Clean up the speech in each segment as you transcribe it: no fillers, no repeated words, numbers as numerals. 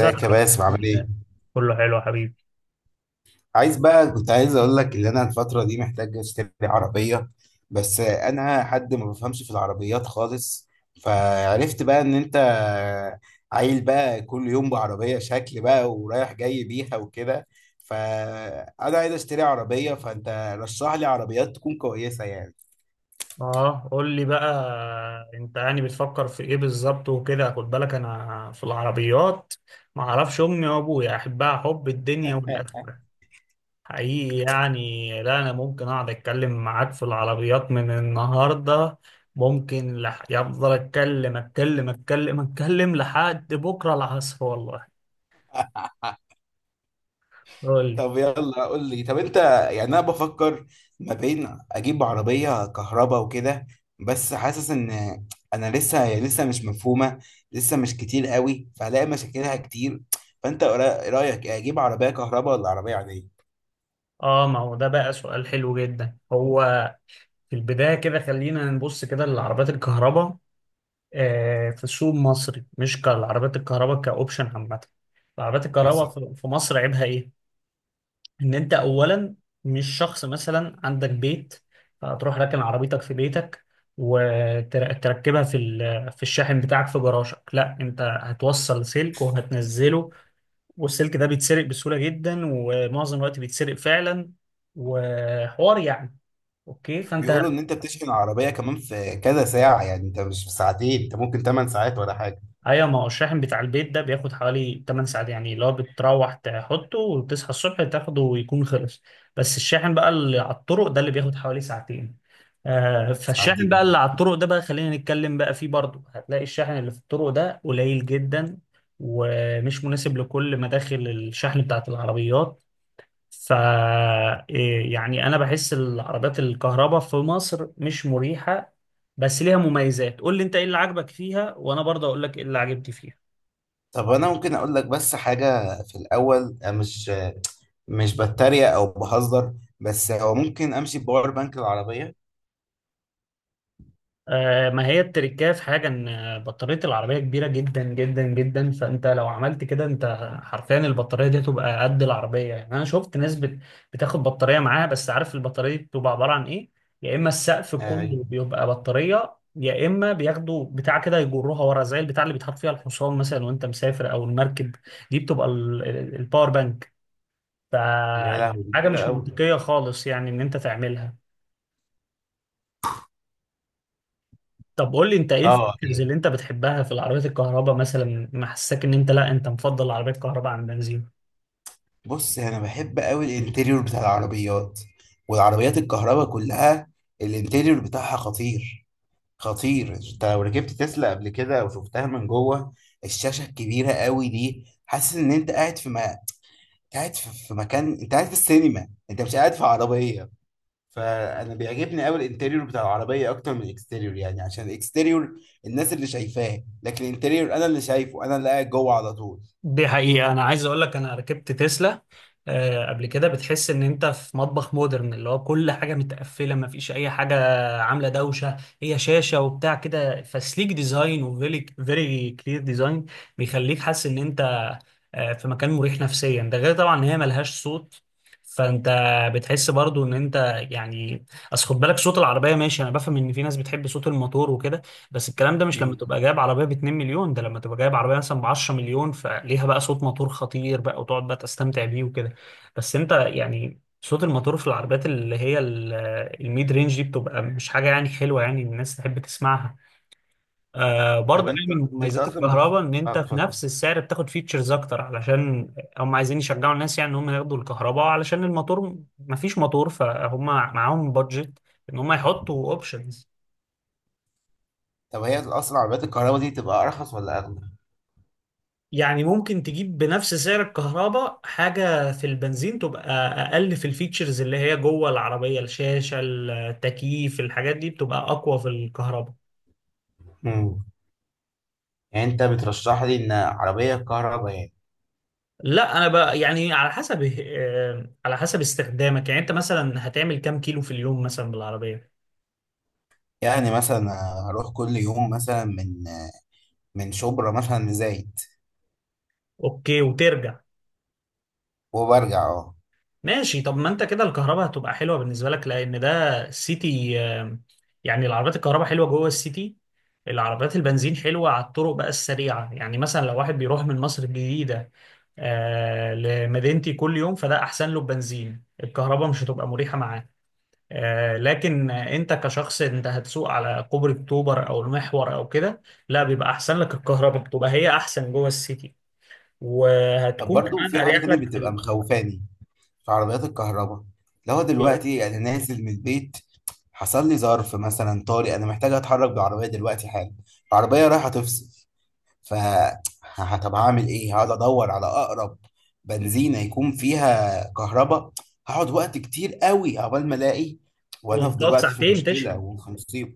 زرع، يا باسم، عامل ايه؟ كله حلو يا حبيبي. عايز بقى، كنت عايز اقول لك ان انا الفترة دي محتاج اشتري عربية. بس انا حد ما بفهمش في العربيات خالص، فعرفت بقى ان انت عيل بقى كل يوم بعربية شكل بقى ورايح جاي بيها وكده. فانا عايز اشتري عربية، فانت رشح لي عربيات تكون كويسة يعني. اه، قول لي بقى انت يعني بتفكر في ايه بالظبط وكده. خد بالك انا في العربيات ما اعرفش، امي وابويا احبها حب الدنيا والاخره حقيقي. يعني لا، انا ممكن اقعد اتكلم معاك في العربيات من النهارده، ممكن يفضل اتكلم اتكلم اتكلم اتكلم لحد بكره العصر والله. قول لي. طب يلا قول لي. طب انت، يعني انا بفكر ما بين اجيب عربيه كهرباء وكده، بس حاسس ان انا لسه هي لسه مش مفهومه، لسه مش كتير قوي فهلاقي مشاكلها كتير. فانت رايك ايه، اجيب عربيه كهرباء ولا عربيه عاديه؟ اه، ما هو ده بقى سؤال حلو جدا. هو في البداية كده خلينا نبص كده للعربيات الكهرباء. في سوق مصري مش كالعربيات الكهرباء كأوبشن عامة. العربيات الكهرباء بالظبط. في مصر عيبها إيه؟ إن أنت أولا مش شخص مثلا عندك بيت هتروح راكن عربيتك في بيتك وتركبها في الشاحن بتاعك في جراجك. لا انت هتوصل سلك وهتنزله، والسلك ده بيتسرق بسهولة جدا ومعظم الوقت بيتسرق فعلا. وحوار يعني. اوكي فانت، بيقولوا ان انت بتشحن العربيه كمان في كذا ساعه، يعني انت مش في ساعتين، انت ممكن 8 ساعات ولا حاجه. ايوه ما هو الشاحن بتاع البيت ده بياخد حوالي 8 ساعات، يعني اللي هو بتروح تحطه وتصحى الصبح تاخده ويكون خلص. بس الشاحن بقى اللي على الطرق ده اللي بياخد حوالي ساعتين. آه، فالشاحن بقى ساعتين. اللي على الطرق ده بقى خلينا نتكلم بقى فيه برضه. هتلاقي الشاحن اللي في الطرق ده قليل جدا ومش مناسب لكل مداخل الشحن بتاعت العربيات. ف، إيه يعني انا بحس العربيات الكهرباء في مصر مش مريحة، بس ليها مميزات. قول لي انت ايه اللي عاجبك فيها وانا برضه اقول لك ايه اللي عجبتي فيها. طب انا ممكن اقول لك بس حاجه في الاول، مش بتريق او بهزر، بس هو ممكن امشي بباور بانك العربيه. ما هي التركية في حاجة ان بطارية العربية كبيرة جدا جدا جدا. فانت لو عملت كده انت حرفيا البطارية دي تبقى قد العربية. يعني انا شفت ناس بتاخد بطارية معاها. بس عارف البطارية دي بتبقى عبارة عن ايه؟ يا اما السقف آه. كله بيبقى بطارية، يا اما بياخدوا بتاع كده يجروها ورا زي البتاع اللي بيتحط فيها الحصان مثلا وانت مسافر، او المركب. دي بتبقى الباور بانك. ف، يا لهوي دي حاجة كبيره مش قوي. منطقية خالص يعني ان انت تعملها. طب قول لي انت ايه اه الفيتشرز يعني، اللي انت بتحبها في العربيات الكهرباء مثلا محسسك ان انت، لا، انت مفضل العربيات الكهرباء عن بنزين؟ بص انا بحب قوي الانتيريور بتاع العربيات، والعربيات الكهرباء كلها الانتيريور بتاعها خطير. خطير، انت لو ركبت تسلا قبل كده وشفتها من جوه، الشاشه الكبيره قوي دي، حاسس ان انت قاعد في ما قاعد في مكان، انت قاعد في السينما، انت مش قاعد في عربيه. فانا بيعجبني قوي الانتريور بتاع العربيه اكتر من الاكستيريور، يعني عشان الاكستيريور الناس اللي شايفاه، لكن الانتريور انا اللي شايفه، انا اللي قاعد جوه على طول. دي حقيقة، أنا عايز أقول لك أنا ركبت تسلا قبل كده. بتحس إن أنت في مطبخ مودرن اللي هو كل حاجة متقفلة، مفيش أي حاجة عاملة دوشة، هي شاشة وبتاع كده. فسليك ديزاين وفيري فيري كلير ديزاين بيخليك حاسس إن أنت في مكان مريح نفسيا. ده غير طبعا إن هي ملهاش صوت، فانت بتحس برضو ان انت، يعني، اصل خد بالك صوت العربيه ماشي. انا بفهم ان في ناس بتحب صوت الموتور وكده، بس الكلام ده مش لما مم. تبقى جايب عربية ب 2 مليون، ده لما تبقى جايب عربية مثلا ب 10 مليون، فليها بقى صوت موتور خطير بقى وتقعد بقى تستمتع بيه وكده. بس انت يعني صوت الموتور في العربيات اللي هي الميد رينج دي بتبقى مش حاجة يعني حلوة يعني الناس تحب تسمعها. آه، طب برضه انت، يعني من انت مميزات اصلا بت... الكهرباء ان اه انت في اتفضل. نفس السعر بتاخد فيتشرز اكتر، علشان هم عايزين يشجعوا الناس يعني ان هم ياخدوا الكهرباء. علشان الموتور مفيش موتور، فهم معاهم بادجت ان هم يحطوا اوبشنز. طب هي اصلا عربيات الكهرباء دي تبقى ارخص ولا اغلى؟ يعني ممكن تجيب بنفس سعر الكهرباء حاجة في البنزين تبقى أقل في الفيتشرز، اللي هي جوه العربية الشاشة التكييف الحاجات دي بتبقى أقوى في الكهرباء. مم. يعني انت بترشح لي ان عربيه كهرباء يعني؟ لا أنا بقى يعني على حسب، على حسب استخدامك. يعني أنت مثلا هتعمل كام كيلو في اليوم مثلا بالعربية؟ يعني مثلا هروح كل يوم مثلا من شبرا مثلا لزايد، أوكي وترجع. وبرجع اه. ماشي. طب ما انت كده الكهرباء هتبقى حلوه بالنسبه لك، لان ده السيتي. يعني العربيات الكهرباء حلوه جوه السيتي. العربيات البنزين حلوه على الطرق بقى السريعه. يعني مثلا لو واحد بيروح من مصر الجديده لمدينتي كل يوم، فده احسن له بنزين، الكهرباء مش هتبقى مريحه معاه. لكن انت كشخص انت هتسوق على كوبري اكتوبر او المحور او كده، لا، بيبقى احسن لك الكهرباء، بتبقى هي احسن جوه السيتي. طب وهتكون برضو كمان في حاجه اريح تانية لك في بتبقى ال... مخوفاني في عربيات الكهرباء. لو دلوقتي انا نازل من البيت، حصل لي ظرف مثلا طارئ، انا محتاج اتحرك بالعربيه دلوقتي حالا، العربيه رايحه تفصل. ف طب هعمل ايه؟ هقعد ادور على اقرب بنزينه يكون فيها كهرباء، هقعد وقت كتير قوي عقبال ما الاقي، وانا في وانت في دلوقتي في ساعتين مشكله تشحن. وفي مصيبه.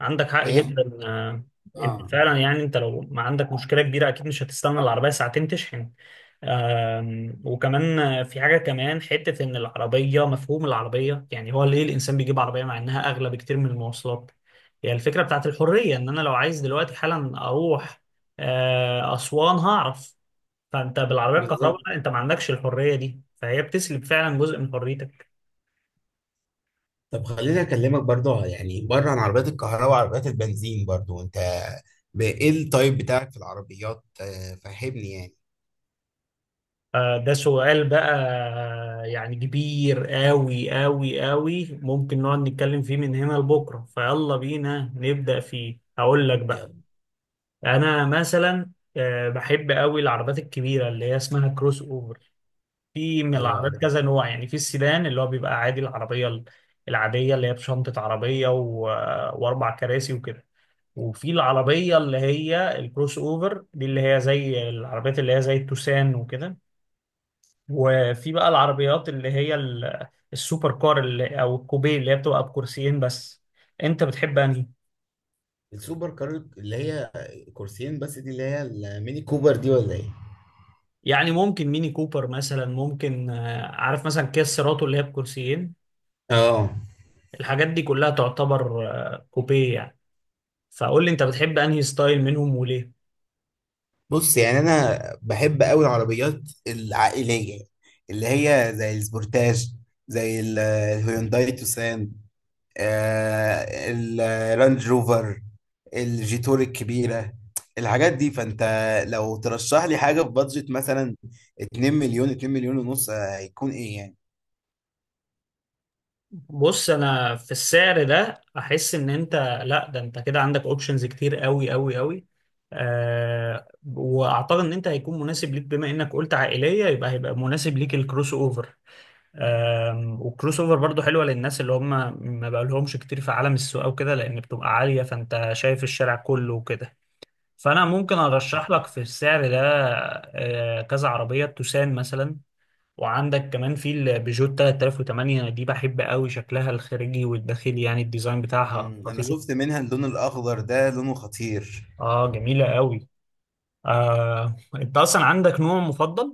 عندك حق ايه. جدا. انت اه. فعلا يعني انت لو ما عندك مشكله كبيره اكيد مش هتستنى العربيه ساعتين تشحن. وكمان في حاجه كمان حته ان العربيه مفهوم العربيه. يعني هو ليه الانسان بيجيب عربيه مع انها اغلى بكتير من المواصلات؟ هي يعني الفكره بتاعت الحريه، ان انا لو عايز دلوقتي حالا اروح اسوان هعرف. فانت بالعربيه بالظبط. الكهرباء انت ما عندكش الحريه دي، فهي بتسلب فعلا جزء من حريتك. طب خليني اكلمك برضو يعني بره عن عربيات الكهرباء وعربيات البنزين. برضو انت، ايه التايب بتاعك في العربيات؟ فهمني يعني. ده سؤال بقى يعني كبير قوي قوي قوي، ممكن نقعد نتكلم فيه من هنا لبكرة. فيلا بينا نبدأ فيه، هقول لك بقى. يلا. أنا مثلا بحب قوي العربات الكبيرة اللي هي اسمها كروس أوفر. في من ايوه العربات عارف. كذا نوع. يعني في السيدان اللي هو بيبقى عادي، العربية العادية اللي هي بشنطة عربية و... وأربع كراسي وكده. وفي العربية اللي هي الكروس أوفر دي اللي هي زي العربيات اللي هي زي التوسان وكده. وفي بقى العربيات اللي هي السوبر كار اللي او الكوبيه اللي هي بتبقى بكرسيين بس. انت بتحب انهي؟ السوبر كار اللي هي كرسيين بس، دي اللي هي الميني كوبر دي ولا ايه؟ يعني ممكن ميني كوبر مثلا، ممكن عارف مثلا كيا سيراتو اللي هي بكرسيين. اه. الحاجات دي كلها تعتبر كوبيه يعني. فقول لي انت بتحب انهي ستايل منهم وليه؟ بص يعني انا بحب قوي العربيات العائليه، اللي هي زي السبورتاج، زي الهيونداي توسان، آه، الرانج روفر، الجيتور الكبيرة، الحاجات دي. فانت لو ترشح لي حاجة في بادجت مثلا 2 مليون، 2 مليون ونص، هيكون ايه يعني؟ بص انا في السعر ده احس ان انت، لا، ده انت كده عندك اوبشنز كتير قوي قوي قوي. آه، واعتقد ان انت هيكون مناسب ليك بما انك قلت عائليه، يبقى هيبقى مناسب ليك الكروس اوفر. والكروس اوفر برضو حلوه للناس اللي هم ما بقالهمش كتير في عالم السوق او كده، لان بتبقى عاليه فانت شايف الشارع كله وكده. فانا ممكن ارشح لك في السعر ده كذا عربيه توسان مثلا. وعندك كمان في البيجو 3008 دي، بحب قوي شكلها الخارجي والداخلي، يعني الديزاين بتاعها انا خطير. شفت منها اللون الاخضر ده لونه خطير. اه، جميله قوي. انت اصلا عندك نوع مفضل؟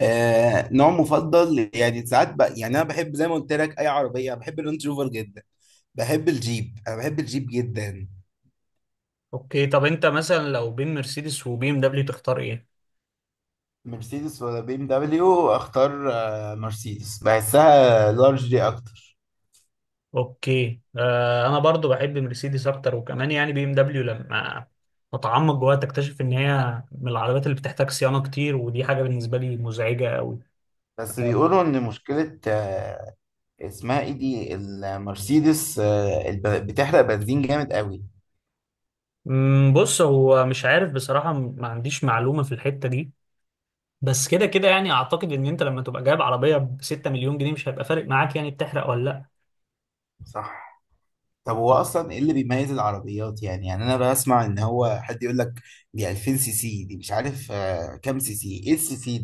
آه، نوع مفضل يعني؟ ساعات بقى، يعني انا بحب زي ما قلت لك اي عربية. بحب الرانج روفر جدا. بحب الجيب، انا بحب الجيب جدا. اوكي، طب انت مثلا لو بين مرسيدس وبي ام دبليو تختار ايه؟ مرسيدس ولا بي ام دبليو؟ اختار مرسيدس، بحسها لارج دي اكتر. اوكي، آه، انا برضو بحب مرسيدس اكتر. وكمان يعني بي ام دبليو لما اتعمق جواها تكتشف ان هي من العربيات اللي بتحتاج صيانه كتير، ودي حاجه بالنسبه لي مزعجه قوي. بس بيقولوا ان مشكلة اسمها ايه دي، المرسيدس، بتحرق بنزين جامد قوي. بص هو مش عارف بصراحه، ما عنديش معلومه في الحته دي. بس كده كده يعني اعتقد ان انت لما تبقى جايب عربيه ب 6 مليون جنيه مش هيبقى فارق معاك يعني بتحرق ولا لا. صح. طب هو اصلا ايه اللي بيميز العربيات يعني انا بسمع ان هو حد يقول لك دي 2000 سي سي، دي مش عارف كام سي سي. ايه السي سي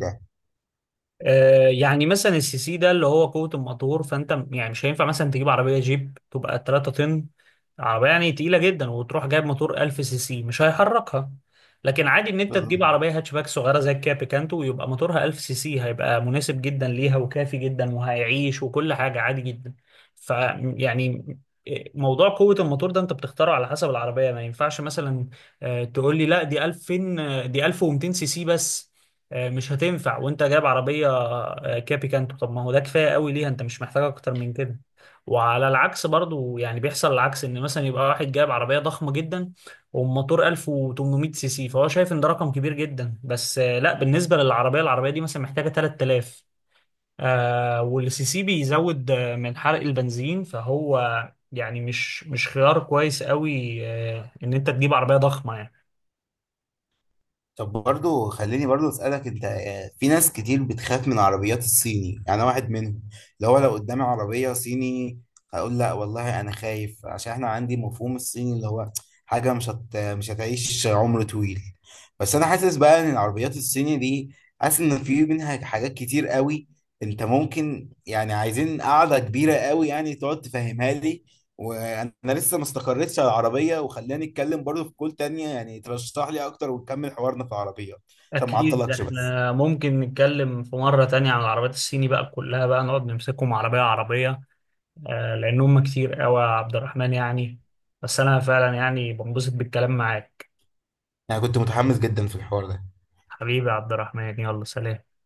يعني مثلا السي سي ده اللي هو قوة الموتور. فانت يعني مش هينفع مثلا تجيب عربية جيب تبقى 3 طن، عربية يعني تقيلة جدا، وتروح جايب موتور 1000 سي سي مش هيحركها. لكن عادي ان انت ده؟ تجيب عربية هاتشباك صغيرة زي الكيا بيكانتو ويبقى موتورها 1000 سي سي، هيبقى مناسب جدا ليها وكافي جدا وهيعيش وكل حاجة عادي جدا. ف، يعني موضوع قوة الموتور ده انت بتختاره على حسب العربية. ما ينفعش مثلا تقول لي لا دي 2000، دي 1200 سي سي بس، مش هتنفع وانت جايب عربية كابي كانتو، طب ما هو ده كفاية قوي ليها، انت مش محتاج اكتر من كده. وعلى العكس برضو يعني بيحصل العكس، ان مثلا يبقى واحد جايب عربية ضخمة جدا وموتور 1800 سي سي فهو شايف ان ده رقم كبير جدا، بس لا، بالنسبة للعربية العربية دي مثلا محتاجة 3000. والسي سي بيزود من حرق البنزين، فهو يعني مش خيار كويس قوي ان انت تجيب عربية ضخمة يعني. طب برضو خليني برضو اسالك انت، في ناس كتير بتخاف من عربيات الصيني، يعني انا واحد منهم. اللي هو لو قدامي عربيه صيني هقول لا والله، انا خايف عشان احنا عندي مفهوم الصيني اللي هو حاجه مش هتعيش عمر طويل. بس انا حاسس بقى ان العربيات الصيني دي، حاسس ان في منها حاجات كتير قوي. انت ممكن يعني، عايزين قاعده كبيره قوي يعني تقعد تفهمها لي، وانا لسه ما استقريتش على العربيه، وخلاني اتكلم برضه في كول تانية يعني ترشح لي اكتر، ونكمل حوارنا في العربيه. عشان ما أكيد اعطلكش بس. إحنا ممكن نتكلم في مرة تانية عن العربيات الصيني بقى كلها، بقى نقعد نمسكهم عربية عربية. لأن هم كتير أوي يا عبد الرحمن يعني. بس أنا فعلا يعني بنبسط بالكلام معاك. انا كنت متحمس جدا في الحوار ده. حبيبي يا عبد الرحمن، يلا سلام.